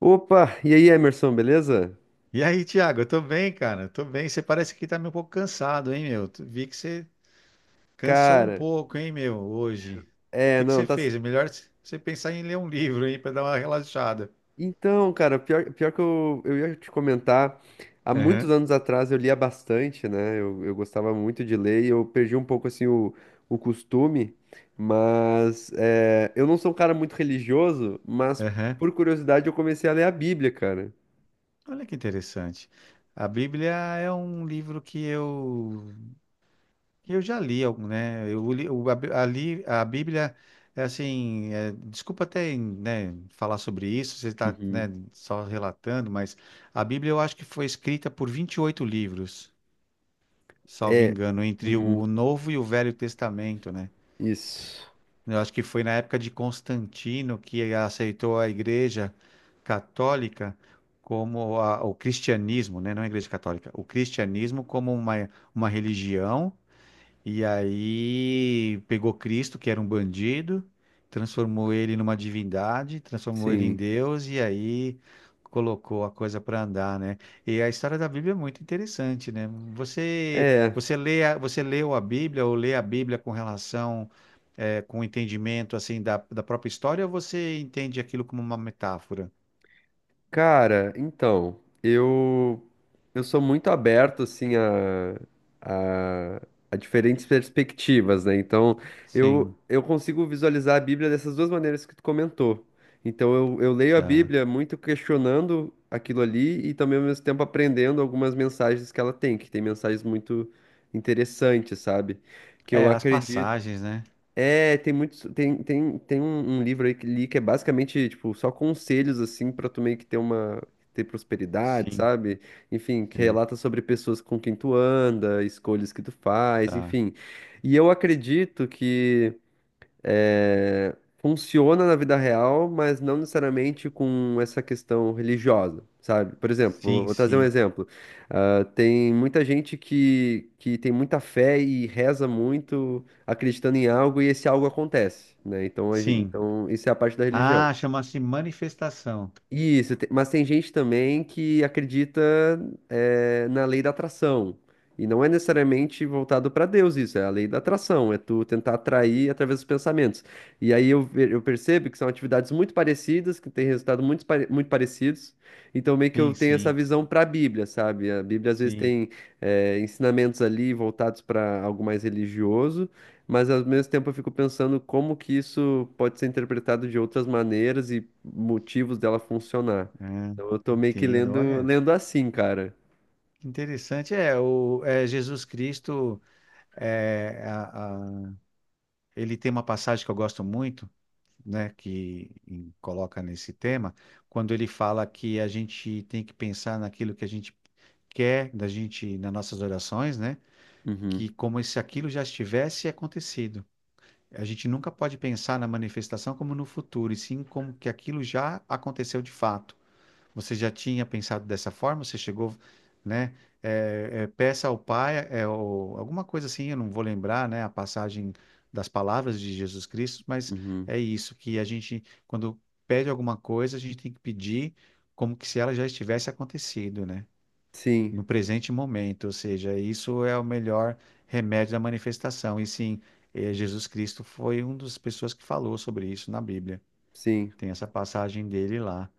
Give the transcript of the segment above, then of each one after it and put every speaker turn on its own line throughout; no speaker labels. Opa, e aí, Emerson, beleza?
E aí, Thiago, eu tô bem, cara. Tô bem. Você parece que tá meio um pouco cansado, hein, meu? Vi que você cansou um
Cara,
pouco, hein, meu, hoje. O
é,
que que
não,
você
tá.
fez? É melhor você pensar em ler um livro, hein, pra dar uma relaxada.
Então, cara, pior que eu ia te comentar, há muitos
Aham,
anos atrás eu lia bastante, né? Eu gostava muito de ler e eu perdi um pouco, assim, o costume, mas eu não sou um cara muito religioso, mas
aham.
por curiosidade eu comecei a ler a Bíblia, cara.
Olha que interessante. A Bíblia é um livro que eu. Eu já li algum, né? Eu li, o- a, Bí- a li- a Bíblia, é assim, é, desculpa até, né, falar sobre isso, você está,
Uhum.
né, só relatando, mas a Bíblia eu acho que foi escrita por 28 livros, salvo
É,
engano, entre
uhum,
o Novo e o Velho Testamento, né?
isso,
Eu acho que foi na época de Constantino que aceitou a Igreja Católica como o cristianismo, né? Não a Igreja Católica, o cristianismo como uma religião, e aí pegou Cristo, que era um bandido, transformou ele numa divindade, transformou ele em
sim.
Deus, e aí colocou a coisa para andar, né? E a história da Bíblia é muito interessante, né? Você
É.
você você leu a Bíblia ou lê a Bíblia com relação com entendimento assim da própria história, ou você entende aquilo como uma metáfora?
Cara, então, eu sou muito aberto assim a, a diferentes perspectivas, né? Então,
Sim,
eu consigo visualizar a Bíblia dessas duas maneiras que tu comentou. Então, eu leio a
tá.
Bíblia muito questionando aquilo ali e também ao mesmo tempo aprendendo algumas mensagens que ela tem, que tem mensagens muito interessantes, sabe? Que eu
É, as
acredito
passagens, né?
tem muitos, tem um livro aí que li que é basicamente, tipo, só conselhos, assim, pra tu meio que ter ter prosperidade,
Sim,
sabe? Enfim, que
sim,
relata sobre pessoas com quem tu anda, escolhas que tu faz,
tá.
enfim. E eu acredito que funciona na vida real, mas não necessariamente com essa questão religiosa, sabe? Por exemplo,
Sim,
vou trazer um
sim.
exemplo. Ah, tem muita gente que tem muita fé e reza muito acreditando em algo e esse algo acontece, né? Então,
Sim.
então isso é a parte da religião.
Ah, chama-se manifestação.
Isso, mas tem gente também que acredita, na lei da atração. E não é necessariamente voltado para Deus isso, é a lei da atração, é tu tentar atrair através dos pensamentos. E aí eu percebo que são atividades muito parecidas, que têm resultado muito parecidos. Então meio que eu
Sim,
tenho essa
sim,
visão para a Bíblia, sabe? A Bíblia às vezes
sim.
tem, ensinamentos ali voltados para algo mais religioso. Mas ao mesmo tempo eu fico pensando como que isso pode ser interpretado de outras maneiras e motivos dela funcionar.
Ah,
Então eu tô meio que
entendo.
lendo,
Olha,
lendo assim, cara.
que interessante. É, Jesus Cristo, é, a- a- ele tem uma passagem que eu gosto muito, né, que coloca nesse tema, quando ele fala que a gente tem que pensar naquilo que a gente quer da gente nas nossas orações, né,
Uhum,
que como se aquilo já estivesse acontecido. A gente nunca pode pensar na manifestação como no futuro, e sim como que aquilo já aconteceu de fato. Você já tinha pensado dessa forma? Você chegou, né? É, é, peça ao Pai, alguma coisa assim, eu não vou lembrar, né? A passagem das palavras de Jesus Cristo, mas
uhum.
é isso que a gente, quando pede alguma coisa, a gente tem que pedir como que se ela já estivesse acontecido, né?
Sim,
No presente momento, ou seja, isso é o melhor remédio da manifestação. E sim, Jesus Cristo foi uma das pessoas que falou sobre isso na Bíblia.
sim.
Tem essa passagem dele lá.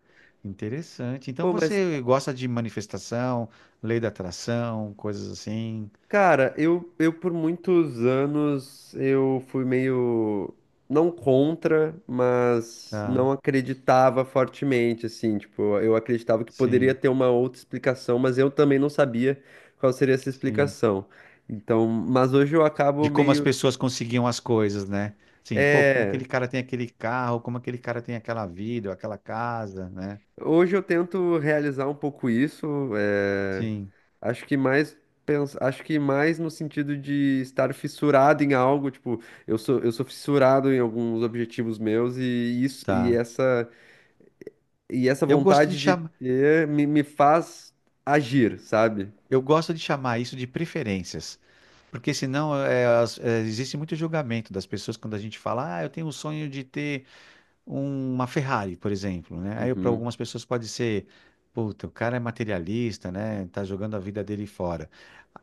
Interessante. Então
Pô, mas
você gosta de manifestação, lei da atração, coisas assim,
cara, eu por muitos anos eu fui meio não contra, mas
tá?
não acreditava fortemente, assim, tipo, eu acreditava que poderia
Sim,
ter uma outra explicação, mas eu também não sabia qual seria essa
sim.
explicação. Então, mas hoje eu
De
acabo
como as
meio,
pessoas conseguiam as coisas, né? Sim, pô, como
é,
aquele cara tem aquele carro, como aquele cara tem aquela vida, ou aquela casa, né?
hoje eu tento realizar um pouco isso, eh,
Sim,
acho que mais acho que mais no sentido de estar fissurado em algo, tipo, eu sou fissurado em alguns objetivos meus e isso
tá.
e essa
Eu gosto de
vontade de
chamar,
ter me faz agir, sabe?
eu gosto de chamar isso de preferências, porque senão é, é, existe muito julgamento das pessoas quando a gente fala, ah, eu tenho o sonho de ter uma Ferrari, por exemplo, né? Aí para
Uhum.
algumas pessoas pode ser, puta, o cara é materialista, né? Tá jogando a vida dele fora.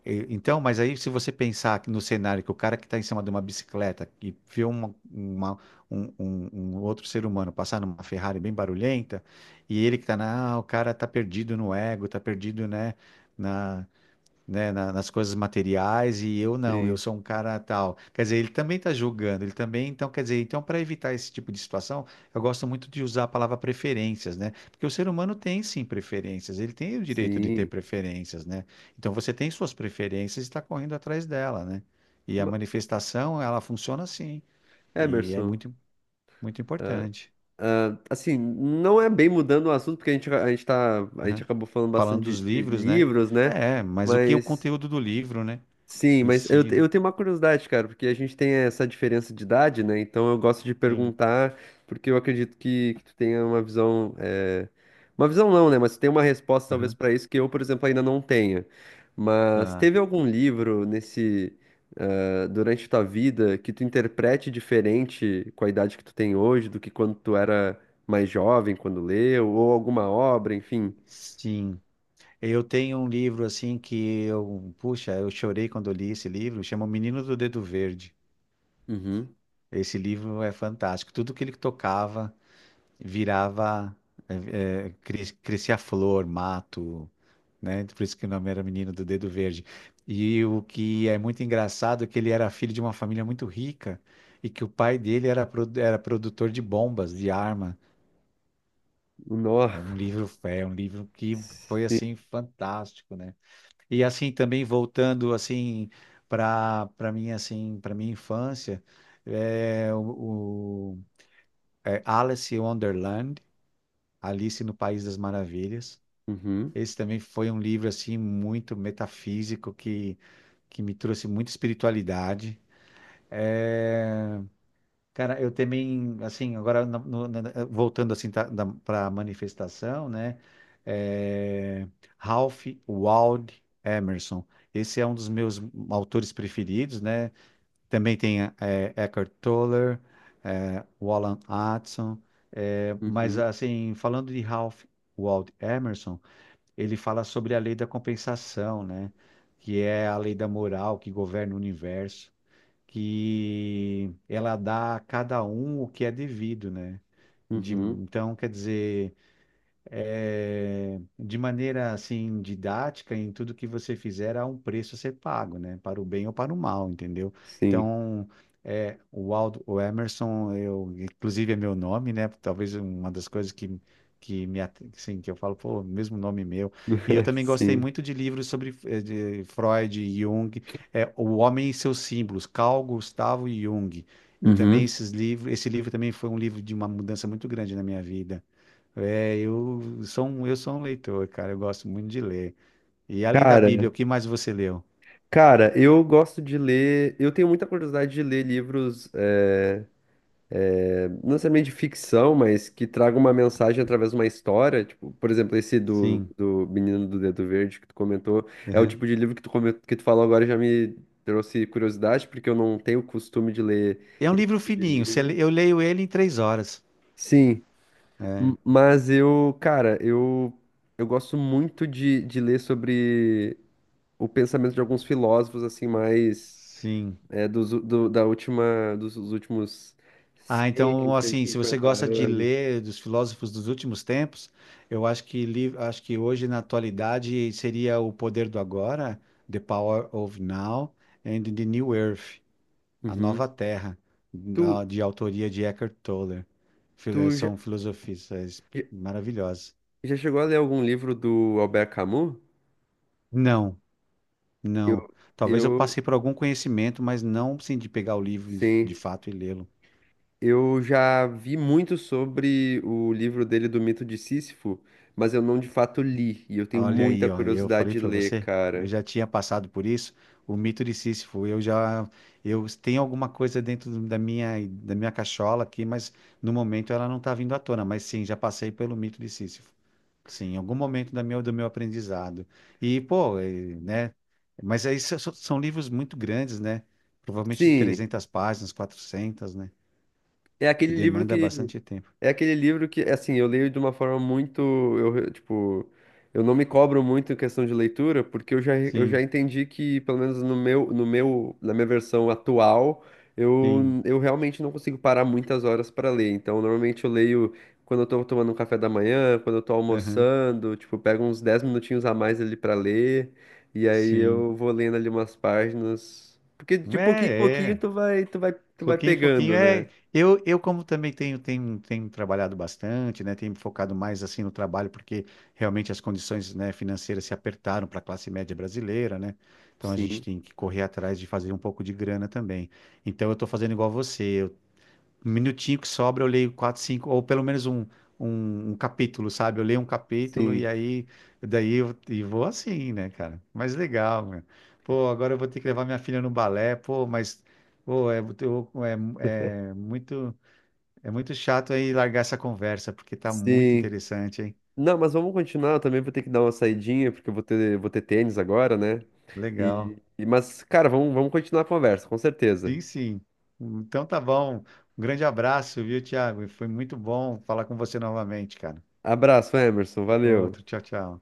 Então, mas aí se você pensar que no cenário que o cara que está em cima de uma bicicleta e vê um outro ser humano passar numa Ferrari bem barulhenta, e ele que tá na, ah, o cara tá perdido no ego, tá perdido, né? Na, né, nas coisas materiais, e eu não, eu
Sim,
sou um cara tal. Quer dizer, ele também está julgando, ele também, então, quer dizer, então para evitar esse tipo de situação, eu gosto muito de usar a palavra preferências, né? Porque o ser humano tem sim preferências, ele tem o direito de ter
sim.
preferências, né? Então você tem suas preferências e está correndo atrás dela, né? E a
Ma-
manifestação, ela funciona assim, e é
Emerson,
muito importante.
ah, assim, não é bem mudando o assunto, porque a gente
Aham.
acabou falando
Falando
bastante
dos
de
livros, né?
livros, né?
É, mas o que é o
Mas
conteúdo do livro, né?
Sim,
Em
mas
si, né?
eu tenho uma curiosidade, cara, porque a gente tem essa diferença de idade, né? Então eu gosto de
Sim.
perguntar, porque eu acredito que tu tenha uma visão. Uma visão não, né? Mas tu tem uma resposta talvez
Aham.
pra isso que eu, por exemplo, ainda não tenha. Mas
Tá.
teve algum livro durante tua vida que tu interprete diferente com a idade que tu tem hoje do que quando tu era mais jovem, quando leu, ou alguma obra, enfim.
Sim. Eu tenho um livro assim que eu, puxa, eu chorei quando eu li esse livro, chama O Menino do Dedo Verde.
Uhum.
Esse livro é fantástico. Tudo que ele tocava virava, crescia flor, mato, né? Por isso que o nome era Menino do Dedo Verde. E o que é muito engraçado é que ele era filho de uma família muito rica, e que o pai dele era, era produtor de bombas, de arma.
Nó.
É um livro que foi
Sim.
assim fantástico, né? E assim também voltando assim para mim, assim, para minha infância é é Alice in Wonderland, Alice no País das Maravilhas.
Uhum.
Esse também foi um livro assim muito metafísico que me trouxe muita espiritualidade. É, cara, eu também, assim, agora voltando assim para a manifestação, né? É, Ralph Waldo Emerson. Esse é um dos meus autores preferidos, né? Também tem é, Eckhart Tolle, é, Wallen Hudson. É, mas,
Uhum.
assim, falando de Ralph Waldo Emerson, ele fala sobre a lei da compensação, né? Que é a lei da moral que governa o universo, que ela dá a cada um o que é devido, né?
Uhum.
Então, quer dizer, eh, de maneira assim didática em tudo que você fizer há um preço a ser pago, né? Para o bem ou para o mal, entendeu?
Sim.
Então, é, o Aldo, o Emerson, eu, inclusive é meu nome, né? Talvez uma das coisas que assim, que eu falo, pô, mesmo nome meu. E eu também gostei
Sim.
muito de livros sobre eh, de Freud, Jung, é, O Homem e seus Símbolos, Carl Gustavo Jung. E também
Uhum.
esses livros, esse livro também foi um livro de uma mudança muito grande na minha vida, é, eu sou um leitor, cara. Eu gosto muito de ler. E além da
Cara,
Bíblia, o que mais você leu?
cara, eu gosto de ler. Eu tenho muita curiosidade de ler livros, não necessariamente de ficção, mas que tragam uma mensagem através de uma história. Tipo, por exemplo, esse
Sim.
do Menino do Dedo Verde que tu comentou. É o
Uhum.
tipo de livro que que tu falou agora e já me trouxe curiosidade, porque eu não tenho o costume de ler
É um
esse
livro
tipo de
fininho. você
livro.
le- eu leio ele em 3 horas.
Sim,
É,
mas eu, cara, eu gosto muito de ler sobre o pensamento de alguns filósofos assim mais
sim.
dos, do- da última dos, dos últimos
Ah, então,
cento
assim,
e
se você
cinquenta
gosta de
anos.
ler dos filósofos dos últimos tempos, eu acho que, li, acho que hoje, na atualidade, seria O Poder do Agora, The Power of Now, and The New Earth. A
Uhum.
Nova Terra,
Tu,
de autoria de Eckhart Tolle.
tu já,
São filosofistas
já
maravilhosos.
já chegou a ler algum livro do Albert Camus?
Não,
Eu,
não. Talvez eu
eu,
passei por algum conhecimento, mas não sim de pegar o livro de
sim.
fato e lê-lo.
Eu já vi muito sobre o livro dele do Mito de Sísifo, mas eu não de fato li, e eu tenho
Olha aí,
muita
ó, eu
curiosidade
falei
de
para
ler,
você, eu
cara.
já tinha passado por isso, o mito de Sísifo. Eu já, eu tenho alguma coisa dentro da minha cachola aqui, mas no momento ela não está vindo à tona. Mas sim, já passei pelo mito de Sísifo. Sim, em algum momento da minha, do meu aprendizado. E, pô, e, né? Mas aí são livros muito grandes, né? Provavelmente de
Sim,
300 páginas, 400, né?
é
Que
aquele livro
demanda
que
bastante tempo.
é aquele livro que, assim, eu leio de uma forma muito, tipo, eu não me cobro muito em questão de leitura, porque eu já
Sim,
entendi que, pelo menos no meu, no meu, na minha versão atual,
sim,
eu realmente não consigo parar muitas horas para ler. Então, normalmente eu leio quando eu tô tomando um café da manhã, quando eu tô
aham,
almoçando, tipo, eu pego uns 10 minutinhos a mais ali para ler, e aí
sim.
eu vou lendo ali umas páginas, porque de pouquinho em
É,
pouquinho
é.
tu vai
Pouquinho, pouquinho.
pegando, né?
É, eu como também tenho, trabalhado bastante, né? Tenho me focado mais assim no trabalho, porque realmente as condições, né, financeiras se apertaram para a classe média brasileira, né? Então a gente
Sim.
tem que correr atrás de fazer um pouco de grana também. Então eu estou fazendo igual você, um minutinho que sobra, eu leio quatro, cinco, ou pelo menos um capítulo, sabe? Eu leio um capítulo e
Sim.
aí daí eu, e vou assim, né, cara? Mas legal, meu. Pô, agora eu vou ter que levar minha filha no balé, pô, mas pô, é, é, é muito muito chato aí largar essa conversa, porque tá muito
Sim.
interessante, hein?
Não, mas vamos continuar. Eu também vou ter que dar uma saidinha, porque vou ter tênis agora, né?
Legal.
Mas, cara, vamos continuar a conversa, com certeza.
Sim, sim. Então tá bom. Um grande abraço, viu, Thiago? Foi muito bom falar com você novamente, cara.
Abraço, Emerson. Valeu.
Outro, tchau, tchau.